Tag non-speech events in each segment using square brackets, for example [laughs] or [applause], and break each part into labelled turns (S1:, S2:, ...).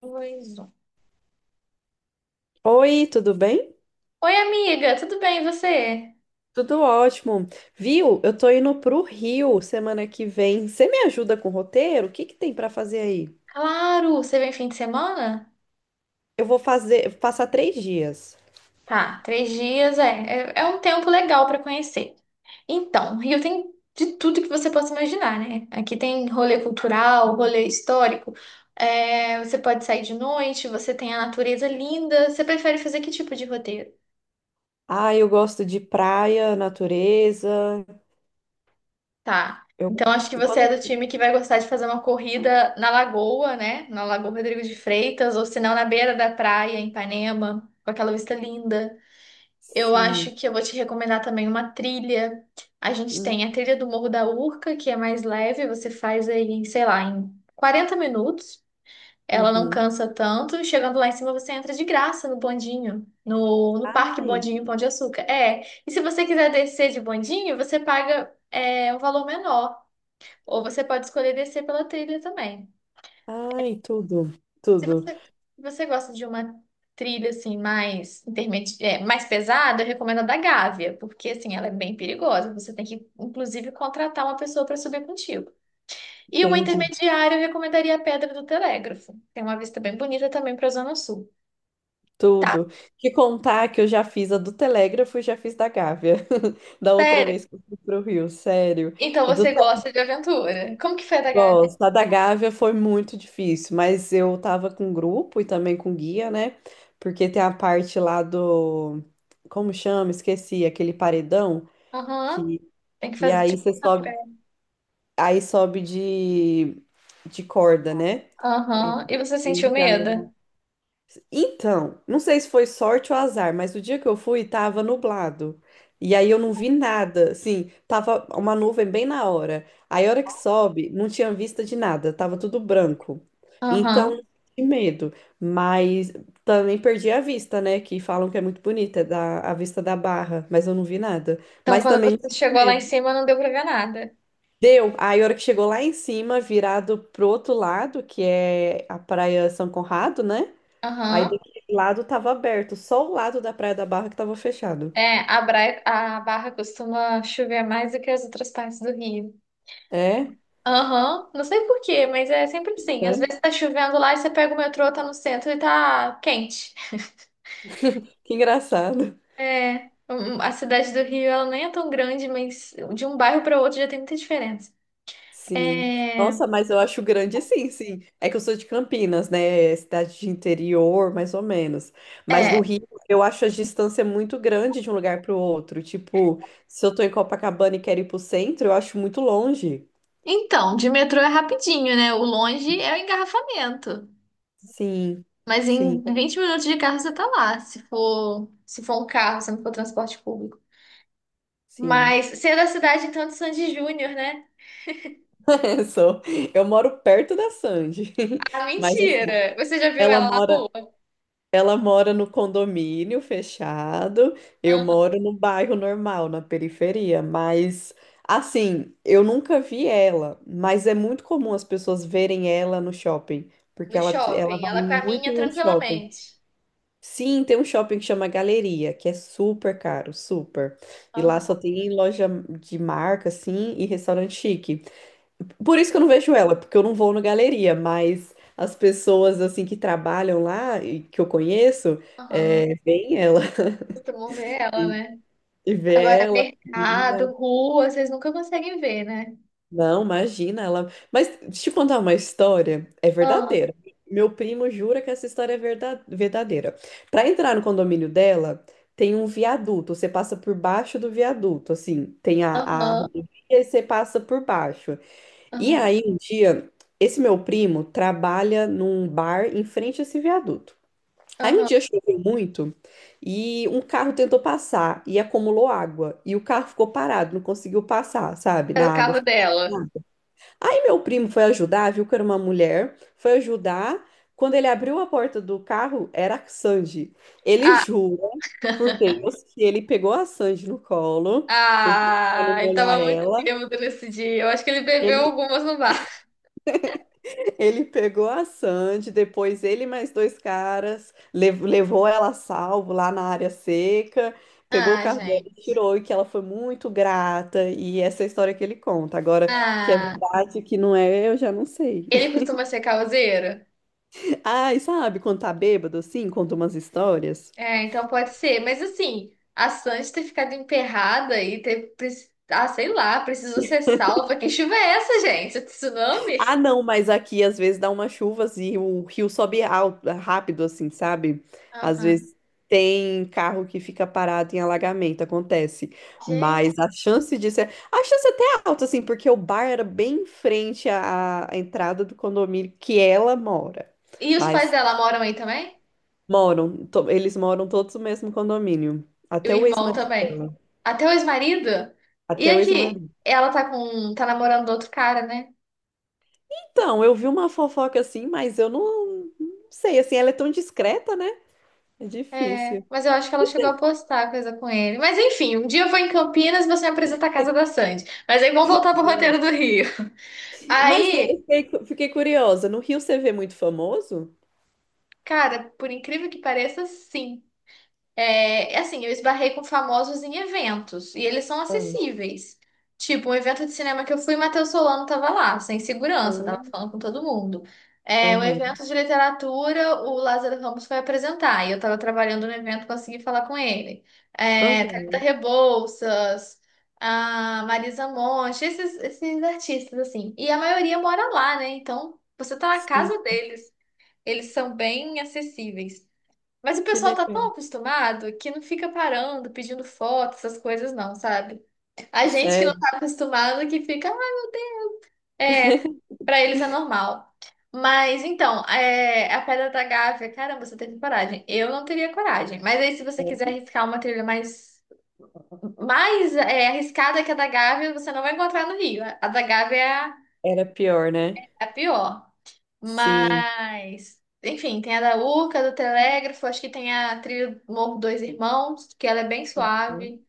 S1: Dois, um.
S2: Oi, tudo bem?
S1: Oi, amiga, tudo bem e você?
S2: Tudo ótimo. Viu? Eu tô indo pro Rio semana que vem. Você me ajuda com o roteiro? O que que tem pra fazer aí?
S1: Claro, você vem fim de semana?
S2: Passar 3 dias.
S1: Tá, três dias é um tempo legal para conhecer. Então, Rio tem de tudo que você possa imaginar, né? Aqui tem rolê cultural, rolê histórico, você pode sair de noite, você tem a natureza linda. Você prefere fazer que tipo de roteiro?
S2: Ah, eu gosto de praia, natureza.
S1: Tá.
S2: Eu
S1: Então acho que
S2: gosto.
S1: você é do time que vai gostar de fazer uma corrida na lagoa, né? Na Lagoa Rodrigo de Freitas, ou se não, na beira da praia, em Ipanema, com aquela vista linda. Eu
S2: Sim.
S1: acho que eu vou te recomendar também uma trilha. A gente
S2: Hum,
S1: tem a trilha do Morro da Urca, que é mais leve, você faz aí, sei lá, em 40 minutos. Ela não
S2: uhum.
S1: cansa tanto. Chegando lá em cima, você entra de graça no bondinho, no Parque
S2: Ai,
S1: Bondinho Pão de Açúcar. É. E se você quiser descer de bondinho, você paga um valor menor. Ou você pode escolher descer pela trilha também.
S2: ai, tudo,
S1: Se
S2: tudo.
S1: você, se você gosta de uma trilha assim mais mais pesada, eu recomendo a da Gávea, porque assim ela é bem perigosa. Você tem que inclusive contratar uma pessoa para subir contigo. E uma
S2: Entendi.
S1: intermediária, eu recomendaria a Pedra do Telégrafo. Tem uma vista bem bonita também para a Zona Sul. Tá,
S2: Tudo. Te contar que eu já fiz a do Telégrafo e já fiz da Gávea. [laughs] Da outra
S1: sério?
S2: vez que eu fui pro Rio, sério.
S1: Então
S2: A do
S1: você gosta de aventura? Como que foi a da Gávea?
S2: Gosto. A da Gávea foi muito difícil, mas eu tava com grupo e também com guia, né? Porque tem a parte lá do. Como chama? Esqueci, aquele paredão
S1: Aham.
S2: que.
S1: Tem que
S2: E
S1: fazer
S2: aí
S1: tipo
S2: você
S1: um
S2: sobe,
S1: rapé.
S2: aí sobe de corda, né? Ele
S1: Aham. E você sentiu
S2: ele já leva.
S1: medo?
S2: Então, não sei se foi sorte ou azar, mas o dia que eu fui tava nublado. E aí eu não vi nada, assim, tava uma nuvem bem na hora. Aí a hora que sobe, não tinha vista de nada, tava tudo branco. Então,
S1: Aham.
S2: que medo. Mas também perdi a vista, né? Que falam que é muito bonita, a vista da Barra, mas eu não vi nada.
S1: Então,
S2: Mas
S1: quando
S2: também não
S1: você
S2: senti
S1: chegou lá em
S2: medo.
S1: cima, não deu pra ver nada.
S2: Deu. Aí a hora que chegou lá em cima, virado pro outro lado, que é a Praia São Conrado, né? Aí
S1: Aham.
S2: daquele lado tava aberto, só o lado da Praia da Barra que tava fechado.
S1: A a Barra costuma chover mais do que as outras partes do Rio.
S2: É?
S1: Aham. Não sei por quê, mas é sempre assim. Às
S2: Né?
S1: vezes tá chovendo lá e você pega o metrô, tá no centro e tá quente.
S2: Que engraçado.
S1: A cidade do Rio, ela nem é tão grande, mas de um bairro para outro já tem muita diferença.
S2: Sim.
S1: É,
S2: Nossa, mas eu acho grande, sim, sim. É que eu sou de Campinas, né? É cidade de interior, mais ou menos. Mas do
S1: é.
S2: Rio, eu acho a distância muito grande de um lugar para o outro. Tipo, se eu tô em Copacabana e quero ir pro centro, eu acho muito longe.
S1: Então, de metrô é rapidinho, né? O longe é o engarrafamento.
S2: Sim,
S1: Mas em
S2: sim,
S1: 20 minutos de carro você tá lá, se for um carro, se não for transporte público.
S2: sim.
S1: Mas você é da cidade, então, de Sandy Júnior, né?
S2: [laughs] Sou. Eu moro perto da Sandy.
S1: Ah,
S2: [laughs] Mas assim,
S1: mentira! Você já viu
S2: ela
S1: ela na
S2: mora.
S1: rua?
S2: Ela mora no condomínio fechado, eu
S1: Aham.
S2: moro no bairro normal, na periferia, mas assim, eu nunca vi ela, mas é muito comum as pessoas verem ela no shopping, porque
S1: No
S2: ela
S1: shopping.
S2: vai
S1: Ela
S2: muito
S1: caminha
S2: no shopping.
S1: tranquilamente.
S2: Sim, tem um shopping que chama Galeria, que é super caro, super. E lá só
S1: Aham.
S2: tem loja de marca, assim, e restaurante chique. Por isso que eu não vejo ela, porque eu não vou na galeria, mas as pessoas assim que trabalham lá e que eu conheço,
S1: Aham.
S2: vem ela [laughs]
S1: Costumam ver ela, né?
S2: e vê
S1: Agora,
S2: ela. Menina.
S1: mercado, rua, vocês nunca conseguem ver, né?
S2: Não, imagina ela. Mas deixa eu contar uma história, é
S1: Aham.
S2: verdadeira. Meu primo jura que essa história é verdadeira. Para entrar no condomínio dela, tem um viaduto, você passa por baixo do viaduto, assim, tem a
S1: Aham.
S2: rodovia e você passa por baixo. E
S1: Aham.
S2: aí, um dia, esse meu primo trabalha num bar em frente a esse viaduto. Aí um
S1: Aham.
S2: dia choveu muito e um carro tentou passar e acumulou água. E o carro ficou parado, não conseguiu passar, sabe?
S1: Era o
S2: Na água,
S1: carro
S2: ficou
S1: dela.
S2: parado. Aí meu primo foi ajudar, viu que era uma mulher, foi ajudar. Quando ele abriu a porta do carro, era a Sandy. Ele
S1: Ah,
S2: jura por Deus que ele pegou a Sandy no colo, porque para
S1: ah,
S2: não
S1: ele
S2: molhar
S1: tava muito
S2: ela.
S1: bêbado nesse dia. Eu acho que ele bebeu algumas no bar.
S2: Ele pegou a Sandy, depois ele e mais dois caras, levou ela a salvo lá na área seca, pegou o
S1: Ah,
S2: carro dela e
S1: gente.
S2: tirou, e que ela foi muito grata, e essa é a história que ele conta. Agora, o que é
S1: Ah,
S2: verdade, o que não é, eu já não sei.
S1: ele
S2: [laughs]
S1: costuma ser causeiro?
S2: Ah, e sabe, quando tá bêbado assim, conta umas histórias.
S1: É, então pode ser. Mas assim, a Sandy ter ficado emperrada e Ah, sei lá, precisou ser salva. Que chuva é essa, gente? É
S2: Ah,
S1: tsunami?
S2: não, mas aqui às vezes dá umas chuvas e o rio sobe alto, rápido, assim, sabe? Às
S1: Aham.
S2: vezes tem carro que fica parado em alagamento, acontece.
S1: Gente.
S2: Mas a chance disso é. A chance até é alta, assim, porque o bar era bem em frente à entrada do condomínio que ela mora.
S1: E os pais
S2: Mas
S1: dela moram aí também?
S2: moram, eles moram todos no mesmo condomínio.
S1: E o
S2: Até o
S1: irmão
S2: ex-marido
S1: também?
S2: dela.
S1: Até o ex-marido? E
S2: Até o
S1: aqui,
S2: ex-marido.
S1: ela tá com. Tá namorando outro cara, né?
S2: Então, eu vi uma fofoca assim, mas eu não sei, assim, ela é tão discreta, né? É
S1: É,
S2: difícil.
S1: mas eu acho que ela chegou a postar coisa com ele. Mas enfim, um dia eu vou em Campinas e você me apresenta a casa da Sandy. Mas aí vamos voltar pro roteiro do Rio.
S2: Mas eu
S1: Aí,
S2: fiquei, fiquei curiosa. No Rio você vê muito famoso?
S1: cara, por incrível que pareça, sim. É, assim, eu esbarrei com famosos em eventos e eles são
S2: Ah,
S1: acessíveis. Tipo, um evento de cinema que eu fui, Matheus Solano tava lá, sem segurança,
S2: ah,
S1: tava falando com todo mundo. É, um
S2: aham,
S1: evento de literatura, o Lázaro Ramos foi apresentar e eu tava trabalhando no evento, consegui falar com ele. É, Thalita
S2: aham.
S1: Rebouças, a Marisa Monte, esses artistas, assim. E a maioria mora lá, né? Então, você tá na
S2: Sim,
S1: casa deles. Eles são bem acessíveis. Mas o
S2: que
S1: pessoal tá tão
S2: legal.
S1: acostumado que não fica parando, pedindo foto, essas coisas não, sabe? A gente que não
S2: Sério.
S1: tá acostumado que fica, "Ah, é,
S2: [laughs]
S1: pra eles é normal." Mas então, é, a Pedra da Gávea, caramba, você teve coragem. Eu não teria coragem. Mas aí, se você quiser arriscar uma trilha mais arriscada que a da Gávea, você não vai encontrar no Rio. A da Gávea
S2: Era pior, né?
S1: é a pior.
S2: Sim,
S1: Mas, enfim, tem a da Urca, do Telégrafo, acho que tem a trilha do Morro Dois Irmãos, que ela é bem suave.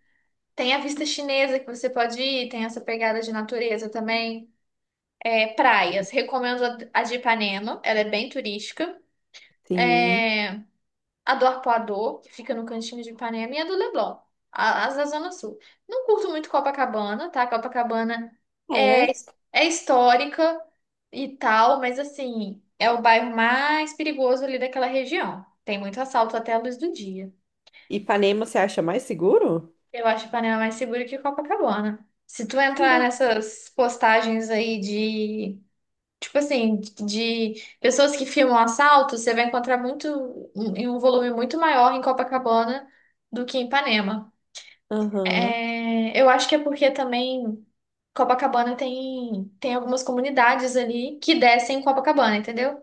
S1: Tem a vista chinesa que você pode ir, tem essa pegada de natureza também. É, praias, recomendo a de Ipanema, ela é bem turística.
S2: sim.
S1: É, a do Arpoador, que fica no cantinho de Ipanema, e a do Leblon, as da Zona Sul. Não curto muito Copacabana, tá? Copacabana
S2: Ah,
S1: é,
S2: é?
S1: é histórica e tal, mas assim, é o bairro mais perigoso ali daquela região. Tem muito assalto até a luz do dia.
S2: Ipanema você acha mais seguro?
S1: Eu acho Ipanema mais seguro que Copacabana. Se tu
S2: Que
S1: entrar
S2: engra-
S1: nessas postagens aí de, tipo assim, de pessoas que filmam assalto, você vai encontrar muito, em um volume muito maior em Copacabana do que em Ipanema.
S2: Aham,
S1: É, eu acho que é porque também Copacabana tem algumas comunidades ali que descem em Copacabana, entendeu?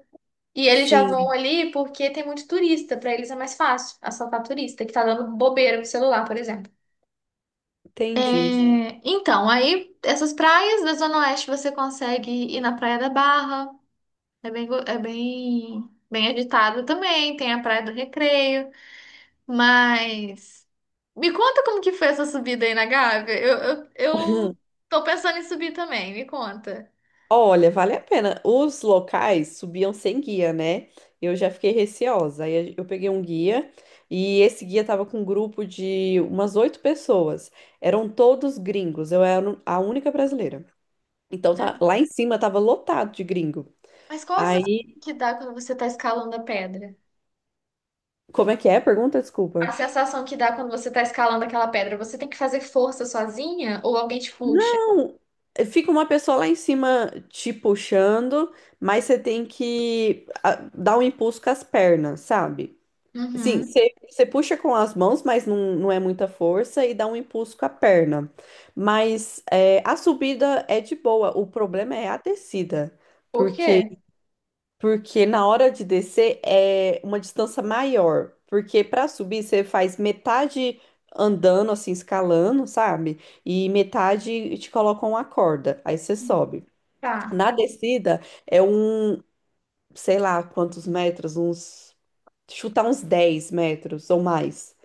S1: E eles já vão
S2: sim,
S1: ali porque tem muito turista, pra eles é mais fácil assaltar turista que tá dando bobeira no celular, por exemplo.
S2: entendi.
S1: É, então, aí essas praias da Zona Oeste você consegue ir na Praia da Barra, é é bem agitado também, tem a Praia do Recreio, mas me conta como que foi essa subida aí na Gávea, eu, eu tô pensando em subir também, me conta.
S2: Olha, vale a pena. Os locais subiam sem guia, né? Eu já fiquei receosa. Aí eu peguei um guia e esse guia tava com um grupo de umas oito pessoas. Eram todos gringos. Eu era a única brasileira. Então lá em cima tava lotado de gringo.
S1: Mas qual a sensação
S2: Aí,
S1: que dá quando você tá escalando a pedra?
S2: como é que é? Pergunta, desculpa.
S1: A sensação que dá quando você tá escalando aquela pedra, você tem que fazer força sozinha ou alguém te puxa?
S2: Não, fica uma pessoa lá em cima te puxando, mas você tem que dar um impulso com as pernas, sabe? Sim,
S1: Uhum.
S2: você puxa com as mãos, mas não é muita força e dá um impulso com a perna. Mas a subida é de boa, o problema é a descida,
S1: Por quê?
S2: porque porque na hora de descer é uma distância maior, porque para subir você faz metade andando assim, escalando, sabe? E metade te colocam uma corda, aí você sobe.
S1: Tá.
S2: Na descida é um, sei lá quantos metros, uns, chutar uns 10 metros ou mais.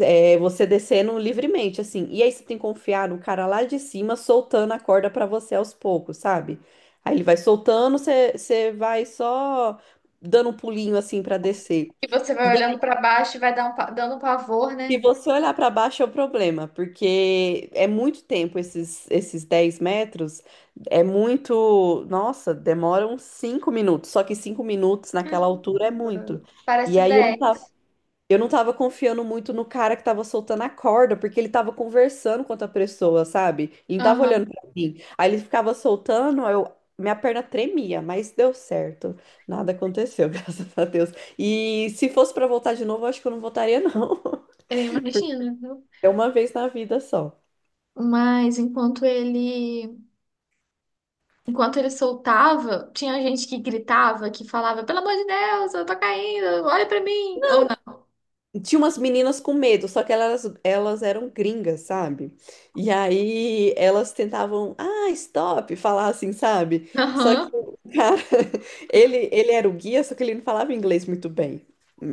S2: É, você descendo livremente, assim. E aí você tem que confiar no cara lá de cima soltando a corda pra você aos poucos, sabe? Aí ele vai soltando, você vai só dando um pulinho assim pra descer.
S1: E você vai olhando pra baixo e vai dar um dando um pavor,
S2: Se
S1: né?
S2: você olhar para baixo é o problema, porque é muito tempo esses 10 metros, é muito. Nossa, demoram 5 minutos, só que 5 minutos naquela altura é
S1: Caramba.
S2: muito. E
S1: Parece
S2: aí eu não tava,
S1: Dex.
S2: eu não tava confiando muito no cara que tava soltando a corda, porque ele tava conversando com outra pessoa, sabe? E não tava
S1: Aham,
S2: olhando pra mim. Aí ele ficava soltando, aí eu. Minha perna tremia, mas deu certo. Nada aconteceu, [laughs] graças a Deus. E se fosse para voltar de novo, eu acho que eu não voltaria, não.
S1: eu imagino, viu?
S2: É uma vez na vida só.
S1: Mas enquanto ele soltava, tinha gente que gritava, que falava, pelo amor de Deus, eu tô caindo, olha pra mim. Ou não.
S2: Tinha umas meninas com medo, só que elas eram gringas, sabe? E aí elas tentavam, ah, stop, falar assim, sabe? Só que
S1: Aham.
S2: o cara, [laughs] ele era o guia, só que ele não falava inglês muito bem.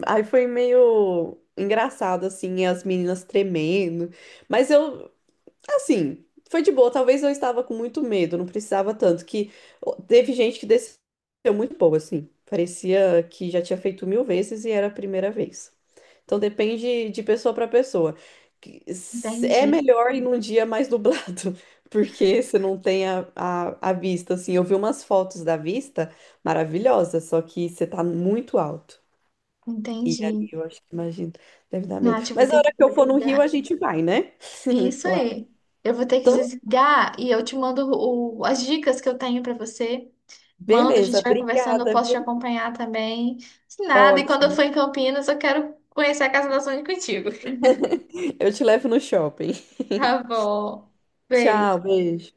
S2: Aí foi meio engraçado, assim, as meninas tremendo. Mas eu, Assim, foi de boa. Talvez eu estava com muito medo, não precisava tanto. Que teve gente que desceu muito boa, assim. Parecia que já tinha feito mil vezes e era a primeira vez. Então depende de pessoa para pessoa. É
S1: Entendi,
S2: melhor ir num dia mais nublado, [laughs] porque você não tem a vista, assim. Eu vi umas fotos da vista maravilhosas, só que você tá muito alto. E ali
S1: entendi.
S2: eu acho que imagino, deve dar medo.
S1: Nath, eu vou
S2: Mas a
S1: ter que
S2: hora que eu for no Rio, a
S1: desligar.
S2: gente vai, né? [laughs]
S1: Isso
S2: Lá.
S1: aí. Eu vou ter que
S2: Então,
S1: desligar e eu te mando as dicas que eu tenho pra você. Manda, a
S2: beleza,
S1: gente vai conversando, eu
S2: obrigada,
S1: posso
S2: viu?
S1: te acompanhar também. Se nada, e quando eu
S2: Ótimo.
S1: for em Campinas, eu quero conhecer a Casa da Sônia contigo. [laughs]
S2: Eu te levo no shopping.
S1: Tá bom.
S2: Tchau,
S1: Beijo.
S2: beijo.